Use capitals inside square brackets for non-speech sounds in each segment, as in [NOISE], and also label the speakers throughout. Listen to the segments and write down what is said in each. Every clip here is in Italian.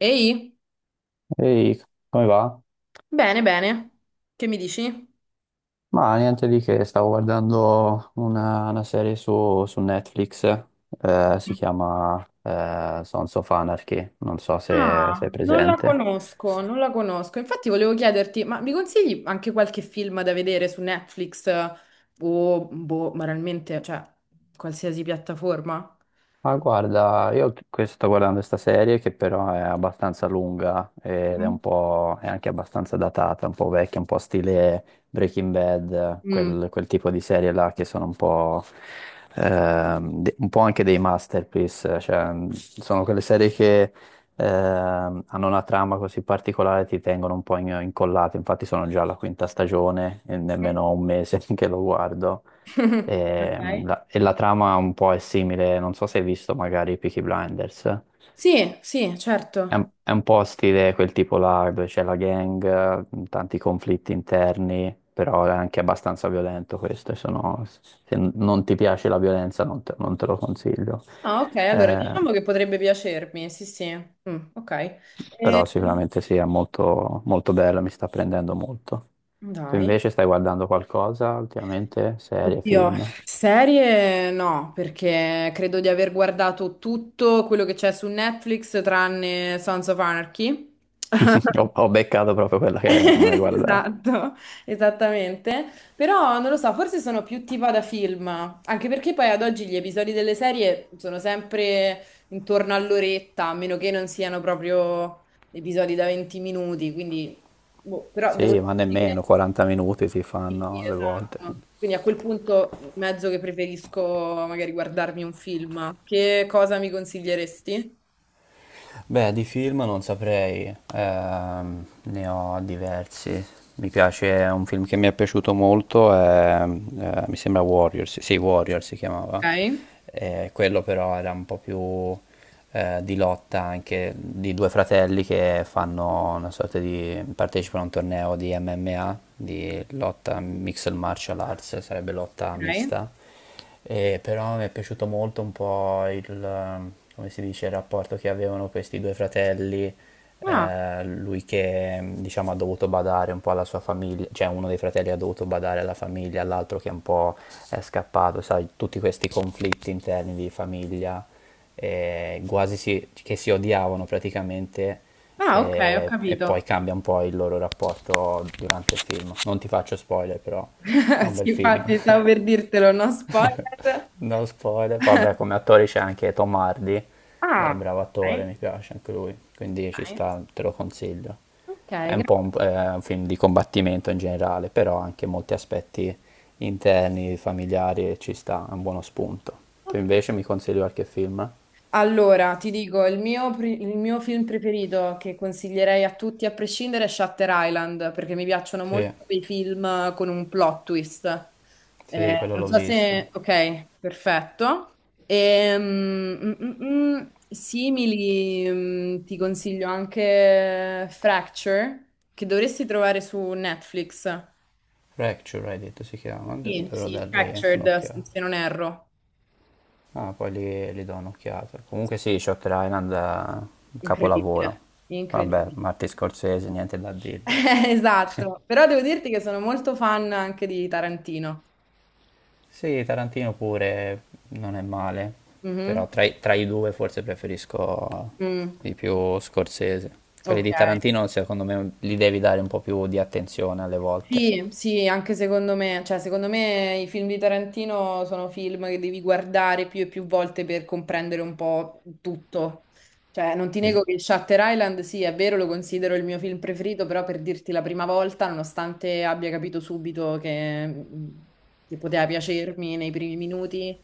Speaker 1: Ehi,
Speaker 2: Ehi, come va?
Speaker 1: bene, bene. Che mi dici?
Speaker 2: Ma niente di che, stavo guardando una serie su Netflix, si chiama Sons of Anarchy, non so se
Speaker 1: Ah,
Speaker 2: sei
Speaker 1: non la
Speaker 2: presente.
Speaker 1: conosco, non la conosco. Infatti volevo chiederti, ma mi consigli anche qualche film da vedere su Netflix, o, boh, banalmente, cioè, qualsiasi piattaforma?
Speaker 2: Ma guarda, sto guardando questa serie che però è abbastanza lunga ed è
Speaker 1: mm,
Speaker 2: un po', è anche abbastanza datata, un po' vecchia, un po' stile Breaking Bad,
Speaker 1: Mm.
Speaker 2: quel tipo di serie là che sono un po', un po' anche dei masterpiece, cioè sono quelle serie che hanno una trama così particolare e ti tengono un po' incollato, infatti sono già alla quinta stagione e nemmeno ho un mese [LAUGHS] che lo guardo.
Speaker 1: [LAUGHS]
Speaker 2: E
Speaker 1: Ok.
Speaker 2: la, e la trama un po' è simile, non so se hai visto magari Peaky Blinders,
Speaker 1: Sì, sì, certo.
Speaker 2: è un po' stile quel tipo là, dove c'è la gang, tanti conflitti interni, però è anche abbastanza violento questo, e se non ti piace la violenza non te lo consiglio.
Speaker 1: Ah, ok, allora
Speaker 2: Eh,
Speaker 1: diciamo che potrebbe piacermi, sì, sì. Mm, ok.
Speaker 2: però
Speaker 1: Eh,
Speaker 2: sicuramente sì, è molto, molto bello, mi sta prendendo molto. Tu
Speaker 1: dai.
Speaker 2: invece stai guardando qualcosa ultimamente? Serie,
Speaker 1: Oddio,
Speaker 2: film?
Speaker 1: serie no, perché credo di aver guardato tutto quello che c'è su Netflix tranne Sons of Anarchy.
Speaker 2: [LAUGHS]
Speaker 1: [LAUGHS]
Speaker 2: Ho beccato proprio quella che non hai guardato.
Speaker 1: Esatto, esattamente. Però non lo so, forse sono più tipo da film, anche perché poi ad oggi gli episodi delle serie sono sempre intorno all'oretta, a meno che non siano proprio episodi da 20 minuti, quindi boh, però devo
Speaker 2: Sì, ma nemmeno
Speaker 1: dire
Speaker 2: 40 minuti si
Speaker 1: sì,
Speaker 2: fanno alle volte.
Speaker 1: esatto. Quindi a quel punto mezzo che preferisco magari guardarmi un film. Che cosa mi consiglieresti?
Speaker 2: Beh, di film non saprei, ne ho diversi. Mi piace, un film che mi è piaciuto molto è, mi sembra Warriors, sì, Warriors si
Speaker 1: Ok,
Speaker 2: chiamava. Quello però era un po' più di lotta anche di due fratelli che fanno una sorta di, partecipano a un torneo di MMA, di lotta Mixed Martial Arts, sarebbe lotta
Speaker 1: ok.
Speaker 2: mista. E però mi è piaciuto molto un po' il, come si dice, il rapporto che avevano questi due fratelli,
Speaker 1: Ah,
Speaker 2: lui che diciamo ha dovuto badare un po' alla sua famiglia, cioè uno dei fratelli ha dovuto badare alla famiglia, l'altro che un po' è scappato, sai, tutti questi conflitti interni di famiglia, quasi che si odiavano praticamente.
Speaker 1: ah, ok, ho
Speaker 2: E
Speaker 1: capito.
Speaker 2: poi cambia un po' il loro rapporto durante il film. Non ti faccio spoiler, però è
Speaker 1: [LAUGHS]
Speaker 2: un bel
Speaker 1: Sì,
Speaker 2: film.
Speaker 1: infatti stavo per
Speaker 2: [LAUGHS]
Speaker 1: dirtelo, no
Speaker 2: [LAUGHS]
Speaker 1: spoiler.
Speaker 2: No spoiler. Vabbè, come attore c'è anche Tom Hardy, è
Speaker 1: Ah,
Speaker 2: bravo attore,
Speaker 1: ok,
Speaker 2: mi piace anche lui, quindi ci
Speaker 1: nice.
Speaker 2: sta, te lo consiglio.
Speaker 1: Ok, grazie.
Speaker 2: È un film di combattimento in generale, però anche molti aspetti interni, familiari, e ci sta, è un buono spunto. Tu
Speaker 1: Ok.
Speaker 2: invece mi consigli qualche film?
Speaker 1: Allora, ti dico, il mio film preferito che consiglierei a tutti a prescindere è Shutter Island, perché mi piacciono
Speaker 2: Sì,
Speaker 1: molto quei film con un plot twist.
Speaker 2: sì, quello
Speaker 1: Non
Speaker 2: l'ho
Speaker 1: so
Speaker 2: visto.
Speaker 1: se. Ok, perfetto. Simili, ti consiglio anche Fracture, che dovresti trovare su Netflix.
Speaker 2: Fracture, hai detto, si chiama,
Speaker 1: Sì,
Speaker 2: dovrò
Speaker 1: sì.
Speaker 2: dargli
Speaker 1: Fractured,
Speaker 2: un'occhiata.
Speaker 1: se non erro.
Speaker 2: Ah, li do un'occhiata. Comunque sì, Shutter Island è un
Speaker 1: Incredibile,
Speaker 2: capolavoro. Vabbè,
Speaker 1: incredibile.
Speaker 2: Martin Scorsese, niente da
Speaker 1: [LAUGHS]
Speaker 2: dirgli.
Speaker 1: Esatto, però devo dirti che sono molto fan anche di Tarantino.
Speaker 2: Sì, Tarantino pure non è male,
Speaker 1: Mhm.
Speaker 2: però tra i due forse preferisco
Speaker 1: Mm.
Speaker 2: di più Scorsese. Quelli
Speaker 1: Ok.
Speaker 2: di Tarantino secondo me li devi dare un po' più di attenzione alle volte.
Speaker 1: Sì, sì, anche secondo me, cioè secondo me i film di Tarantino sono film che devi guardare più e più volte per comprendere un po' tutto. Cioè, non ti
Speaker 2: Es-
Speaker 1: nego che Shutter Island, sì, è vero, lo considero il mio film preferito, però per dirti la prima volta, nonostante abbia capito subito che poteva piacermi nei primi minuti,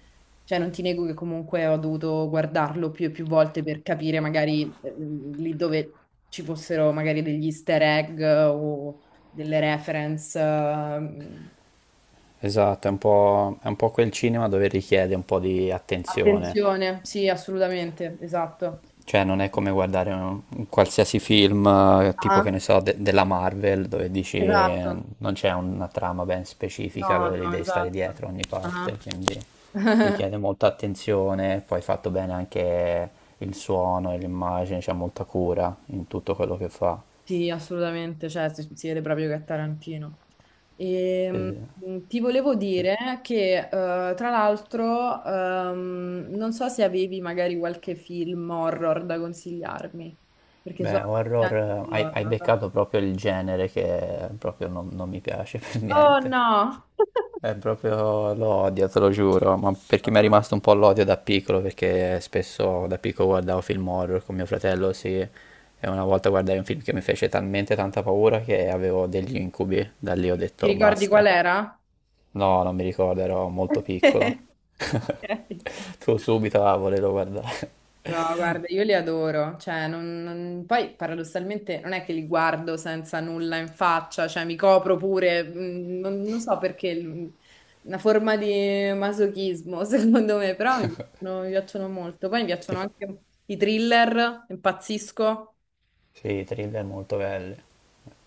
Speaker 1: cioè non ti nego che comunque ho dovuto guardarlo più e più volte per capire magari lì dove ci fossero magari degli easter egg o delle reference.
Speaker 2: esatto, è un po' quel cinema dove richiede un po' di attenzione.
Speaker 1: Attenzione, sì, assolutamente, esatto.
Speaker 2: Cioè, non è come guardare un qualsiasi film, tipo che
Speaker 1: Ah,
Speaker 2: ne so, della Marvel, dove dici
Speaker 1: esatto.
Speaker 2: non c'è una trama ben specifica,
Speaker 1: No,
Speaker 2: dove li
Speaker 1: no,
Speaker 2: devi stare
Speaker 1: esatto.
Speaker 2: dietro a ogni
Speaker 1: Ah,
Speaker 2: parte, quindi richiede molta attenzione, poi fatto bene anche il suono e l'immagine, c'è molta cura in tutto quello che fa.
Speaker 1: sì, assolutamente, cioè si vede proprio che è Tarantino. E,
Speaker 2: Sì, sì,
Speaker 1: ti volevo
Speaker 2: sì.
Speaker 1: dire che, tra l'altro, non so se avevi magari qualche film horror da consigliarmi, perché
Speaker 2: Beh,
Speaker 1: sono
Speaker 2: horror,
Speaker 1: contenta di
Speaker 2: hai
Speaker 1: horror.
Speaker 2: beccato proprio il genere che proprio non mi piace [LAUGHS] per
Speaker 1: Oh
Speaker 2: niente.
Speaker 1: no!
Speaker 2: È proprio l'odio, te lo giuro, ma perché mi è
Speaker 1: [LAUGHS]
Speaker 2: rimasto un po' l'odio da piccolo, perché spesso da piccolo guardavo film horror con mio fratello, sì, e una volta guardai un film che mi fece talmente tanta paura che avevo degli incubi, da lì ho
Speaker 1: Ti
Speaker 2: detto
Speaker 1: ricordi qual
Speaker 2: basta.
Speaker 1: era?
Speaker 2: No, non mi ricordo, ero molto piccolo.
Speaker 1: [LAUGHS]
Speaker 2: [LAUGHS]
Speaker 1: Ok.
Speaker 2: Tu subito a volevo guardare.
Speaker 1: No, guarda, io li adoro, cioè, poi paradossalmente non è che li guardo senza nulla in faccia, cioè mi copro pure, non so perché, una forma di masochismo [LAUGHS] secondo me, però mi piacciono molto. Poi mi
Speaker 2: [LAUGHS] Ti
Speaker 1: piacciono
Speaker 2: fa-
Speaker 1: anche i thriller, impazzisco,
Speaker 2: sì, i thriller molto belli.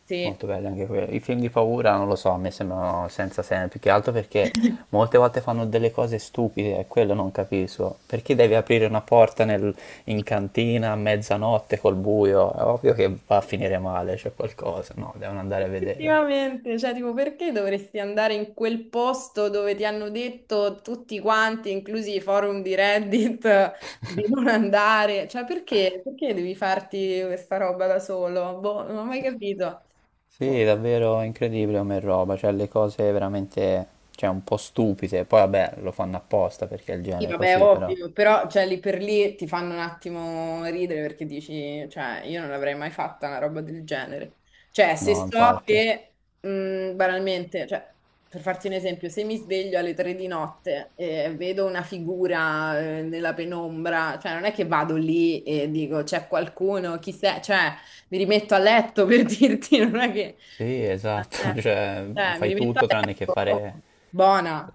Speaker 1: sì.
Speaker 2: Molto belli anche quelli. I film di paura non lo so, a me sembrano senza senso, più che altro perché
Speaker 1: [LAUGHS]
Speaker 2: molte volte fanno delle cose stupide, e quello non capisco. Perché devi aprire una porta in cantina a mezzanotte col buio? È ovvio che va a finire male, c'è qualcosa. No, devono andare a vedere.
Speaker 1: Effettivamente, cioè, tipo, perché dovresti andare in quel posto dove ti hanno detto tutti quanti, inclusi i forum di Reddit, [LAUGHS] di non andare? Cioè, perché? Perché devi farti questa roba da solo? Boh, non ho mai
Speaker 2: Sì,
Speaker 1: capito.
Speaker 2: sì,
Speaker 1: Boh.
Speaker 2: davvero incredibile come roba, cioè le cose veramente, cioè un po' stupide. Poi vabbè, lo fanno apposta perché è il
Speaker 1: Sì,
Speaker 2: genere
Speaker 1: vabbè,
Speaker 2: così, però.
Speaker 1: ovvio, però cioè, lì per lì ti fanno un attimo ridere perché dici, cioè, io non l'avrei mai fatta una roba del genere. Cioè, se
Speaker 2: No,
Speaker 1: so
Speaker 2: infatti.
Speaker 1: che, banalmente, cioè, per farti un esempio, se mi sveglio alle 3 di notte e vedo una figura, nella penombra, cioè, non è che vado lì e dico, c'è qualcuno, chi sei? Cioè, mi rimetto a letto per [LAUGHS] dirti, non è che.
Speaker 2: Sì, esatto, [LAUGHS]
Speaker 1: Eh,
Speaker 2: cioè
Speaker 1: cioè, mi
Speaker 2: fai
Speaker 1: rimetto
Speaker 2: tutto tranne che
Speaker 1: adesso, oh,
Speaker 2: fare...
Speaker 1: buona,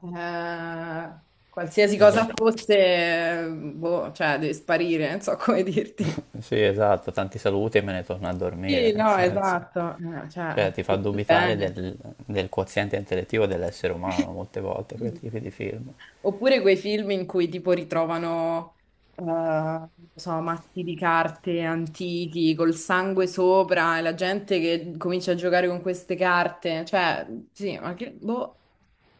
Speaker 1: qualsiasi cosa
Speaker 2: esatto.
Speaker 1: fosse, boh, cioè, deve sparire, non so [LAUGHS] come dirti.
Speaker 2: Sì, esatto, tanti saluti e me ne torno a dormire,
Speaker 1: Sì,
Speaker 2: nel
Speaker 1: no,
Speaker 2: senso.
Speaker 1: esatto, cioè,
Speaker 2: Cioè ti fa
Speaker 1: tutto
Speaker 2: dubitare
Speaker 1: bene.
Speaker 2: del, del quoziente intellettivo dell'essere umano molte volte quel tipo di film.
Speaker 1: Oppure quei film in cui tipo ritrovano, non so, mazzi di carte antichi col sangue sopra e la gente che comincia a giocare con queste carte, cioè, sì, ma che, boh.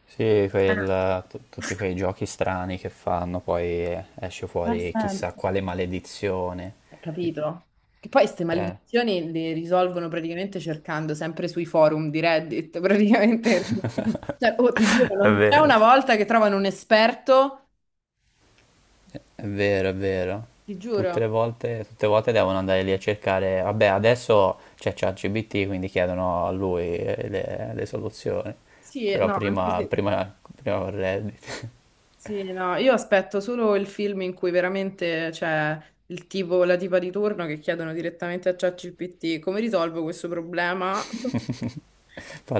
Speaker 2: Sì,
Speaker 1: Eh,
Speaker 2: tutti quei giochi strani che fanno, poi esce
Speaker 1: non ha
Speaker 2: fuori chissà
Speaker 1: senso.
Speaker 2: quale maledizione.
Speaker 1: Capito? Che poi queste
Speaker 2: Eh.
Speaker 1: maledizioni le risolvono praticamente cercando sempre sui forum di Reddit, [LAUGHS] praticamente.
Speaker 2: [LAUGHS]
Speaker 1: Cioè, oh, ti giuro,
Speaker 2: È
Speaker 1: non c'è
Speaker 2: vero.
Speaker 1: una volta che trovano un esperto,
Speaker 2: È vero, è vero.
Speaker 1: ti giuro.
Speaker 2: Tutte le volte devono andare lì a cercare. Vabbè, adesso c'è ChatGPT, quindi chiedono a lui le soluzioni.
Speaker 1: Sì,
Speaker 2: Però
Speaker 1: no, anche se.
Speaker 2: prima con Reddit.
Speaker 1: Sì, no, io aspetto solo il film in cui veramente c'è il tipo, la tipa di turno che chiedono direttamente a ChatGPT come risolvo questo problema
Speaker 2: [LAUGHS]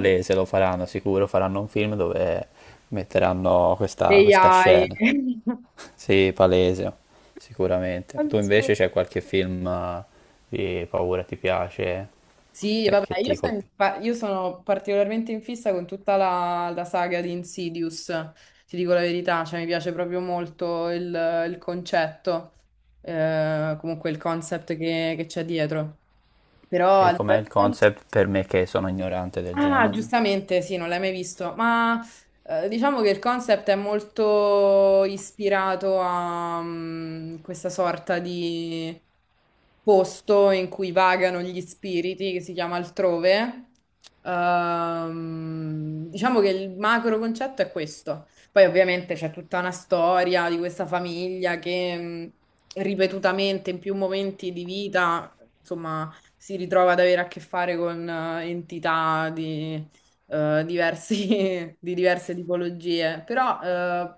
Speaker 1: [LAUGHS]
Speaker 2: lo faranno sicuro. Faranno un film dove metteranno
Speaker 1: degli
Speaker 2: questa
Speaker 1: AI.
Speaker 2: scena. [LAUGHS] Sì, palese, sicuramente. Tu invece
Speaker 1: [LAUGHS]
Speaker 2: c'è qualche film di paura ti piace,
Speaker 1: Sì, vabbè,
Speaker 2: che ti colpisce?
Speaker 1: io sono particolarmente in fissa con tutta la saga di Insidious, ti dico la verità, cioè mi piace proprio molto il, concetto, comunque il concept che c'è dietro. Però
Speaker 2: E
Speaker 1: al di
Speaker 2: com'è
Speaker 1: là di
Speaker 2: il
Speaker 1: quello-
Speaker 2: concept per me che sono ignorante del
Speaker 1: Ah,
Speaker 2: genere?
Speaker 1: giustamente, sì, non l'hai mai visto, ma diciamo che il concept è molto ispirato a questa sorta di posto in cui vagano gli spiriti, che si chiama altrove. Diciamo che il macro concetto è questo. Poi ovviamente c'è tutta una storia di questa famiglia che ripetutamente in più momenti di vita, insomma si ritrova ad avere a che fare con entità di, [LAUGHS] di diverse tipologie. Però,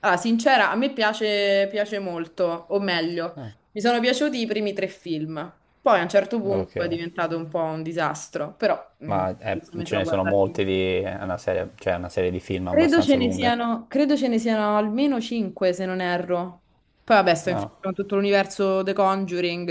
Speaker 1: sincera, a me piace, piace molto, o meglio,
Speaker 2: Ah,
Speaker 1: mi sono piaciuti i primi tre film. Poi a un certo punto è
Speaker 2: ok.
Speaker 1: diventato un po' un disastro, però mm,
Speaker 2: Ma
Speaker 1: se metto
Speaker 2: ce
Speaker 1: a
Speaker 2: ne sono
Speaker 1: guardare.
Speaker 2: molti di... è una serie, cioè è una serie di film
Speaker 1: Credo ce
Speaker 2: abbastanza
Speaker 1: ne
Speaker 2: lunga.
Speaker 1: siano, credo ce ne siano almeno 5, se non erro. Poi vabbè, sto in fissa
Speaker 2: No.
Speaker 1: con tutto l'universo The Conjuring.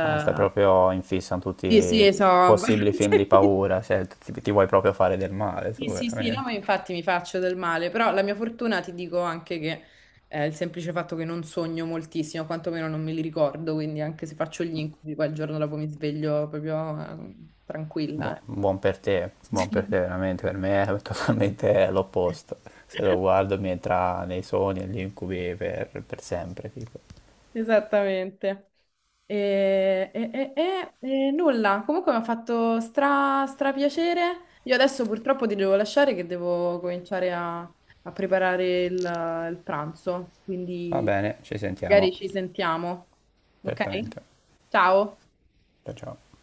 Speaker 2: Ah, stai proprio in fissa con tutti
Speaker 1: sì,
Speaker 2: i
Speaker 1: sì, so.
Speaker 2: possibili film di
Speaker 1: [LAUGHS]
Speaker 2: paura, cioè ti vuoi proprio fare del male
Speaker 1: Sì,
Speaker 2: tu,
Speaker 1: sì, sì, no, ma
Speaker 2: veramente.
Speaker 1: infatti mi faccio del male, però la mia fortuna ti dico anche che il semplice fatto che non sogno moltissimo, quantomeno non me li ricordo, quindi anche se faccio gli incubi, poi il giorno dopo mi sveglio proprio tranquilla.
Speaker 2: Buon per te
Speaker 1: [LAUGHS]
Speaker 2: veramente, per me è [LAUGHS] totalmente l'opposto.
Speaker 1: Sì.
Speaker 2: Se lo guardo mi entra nei sogni e negli incubi per sempre, tipo.
Speaker 1: Esattamente. E, e- e- e nulla, comunque mi ha fatto stra piacere. Io adesso purtroppo ti devo lasciare che devo cominciare a preparare il, pranzo,
Speaker 2: Va
Speaker 1: quindi
Speaker 2: bene, ci
Speaker 1: magari
Speaker 2: sentiamo,
Speaker 1: ci sentiamo. Ok?
Speaker 2: certamente.
Speaker 1: Ciao.
Speaker 2: Ciao ciao.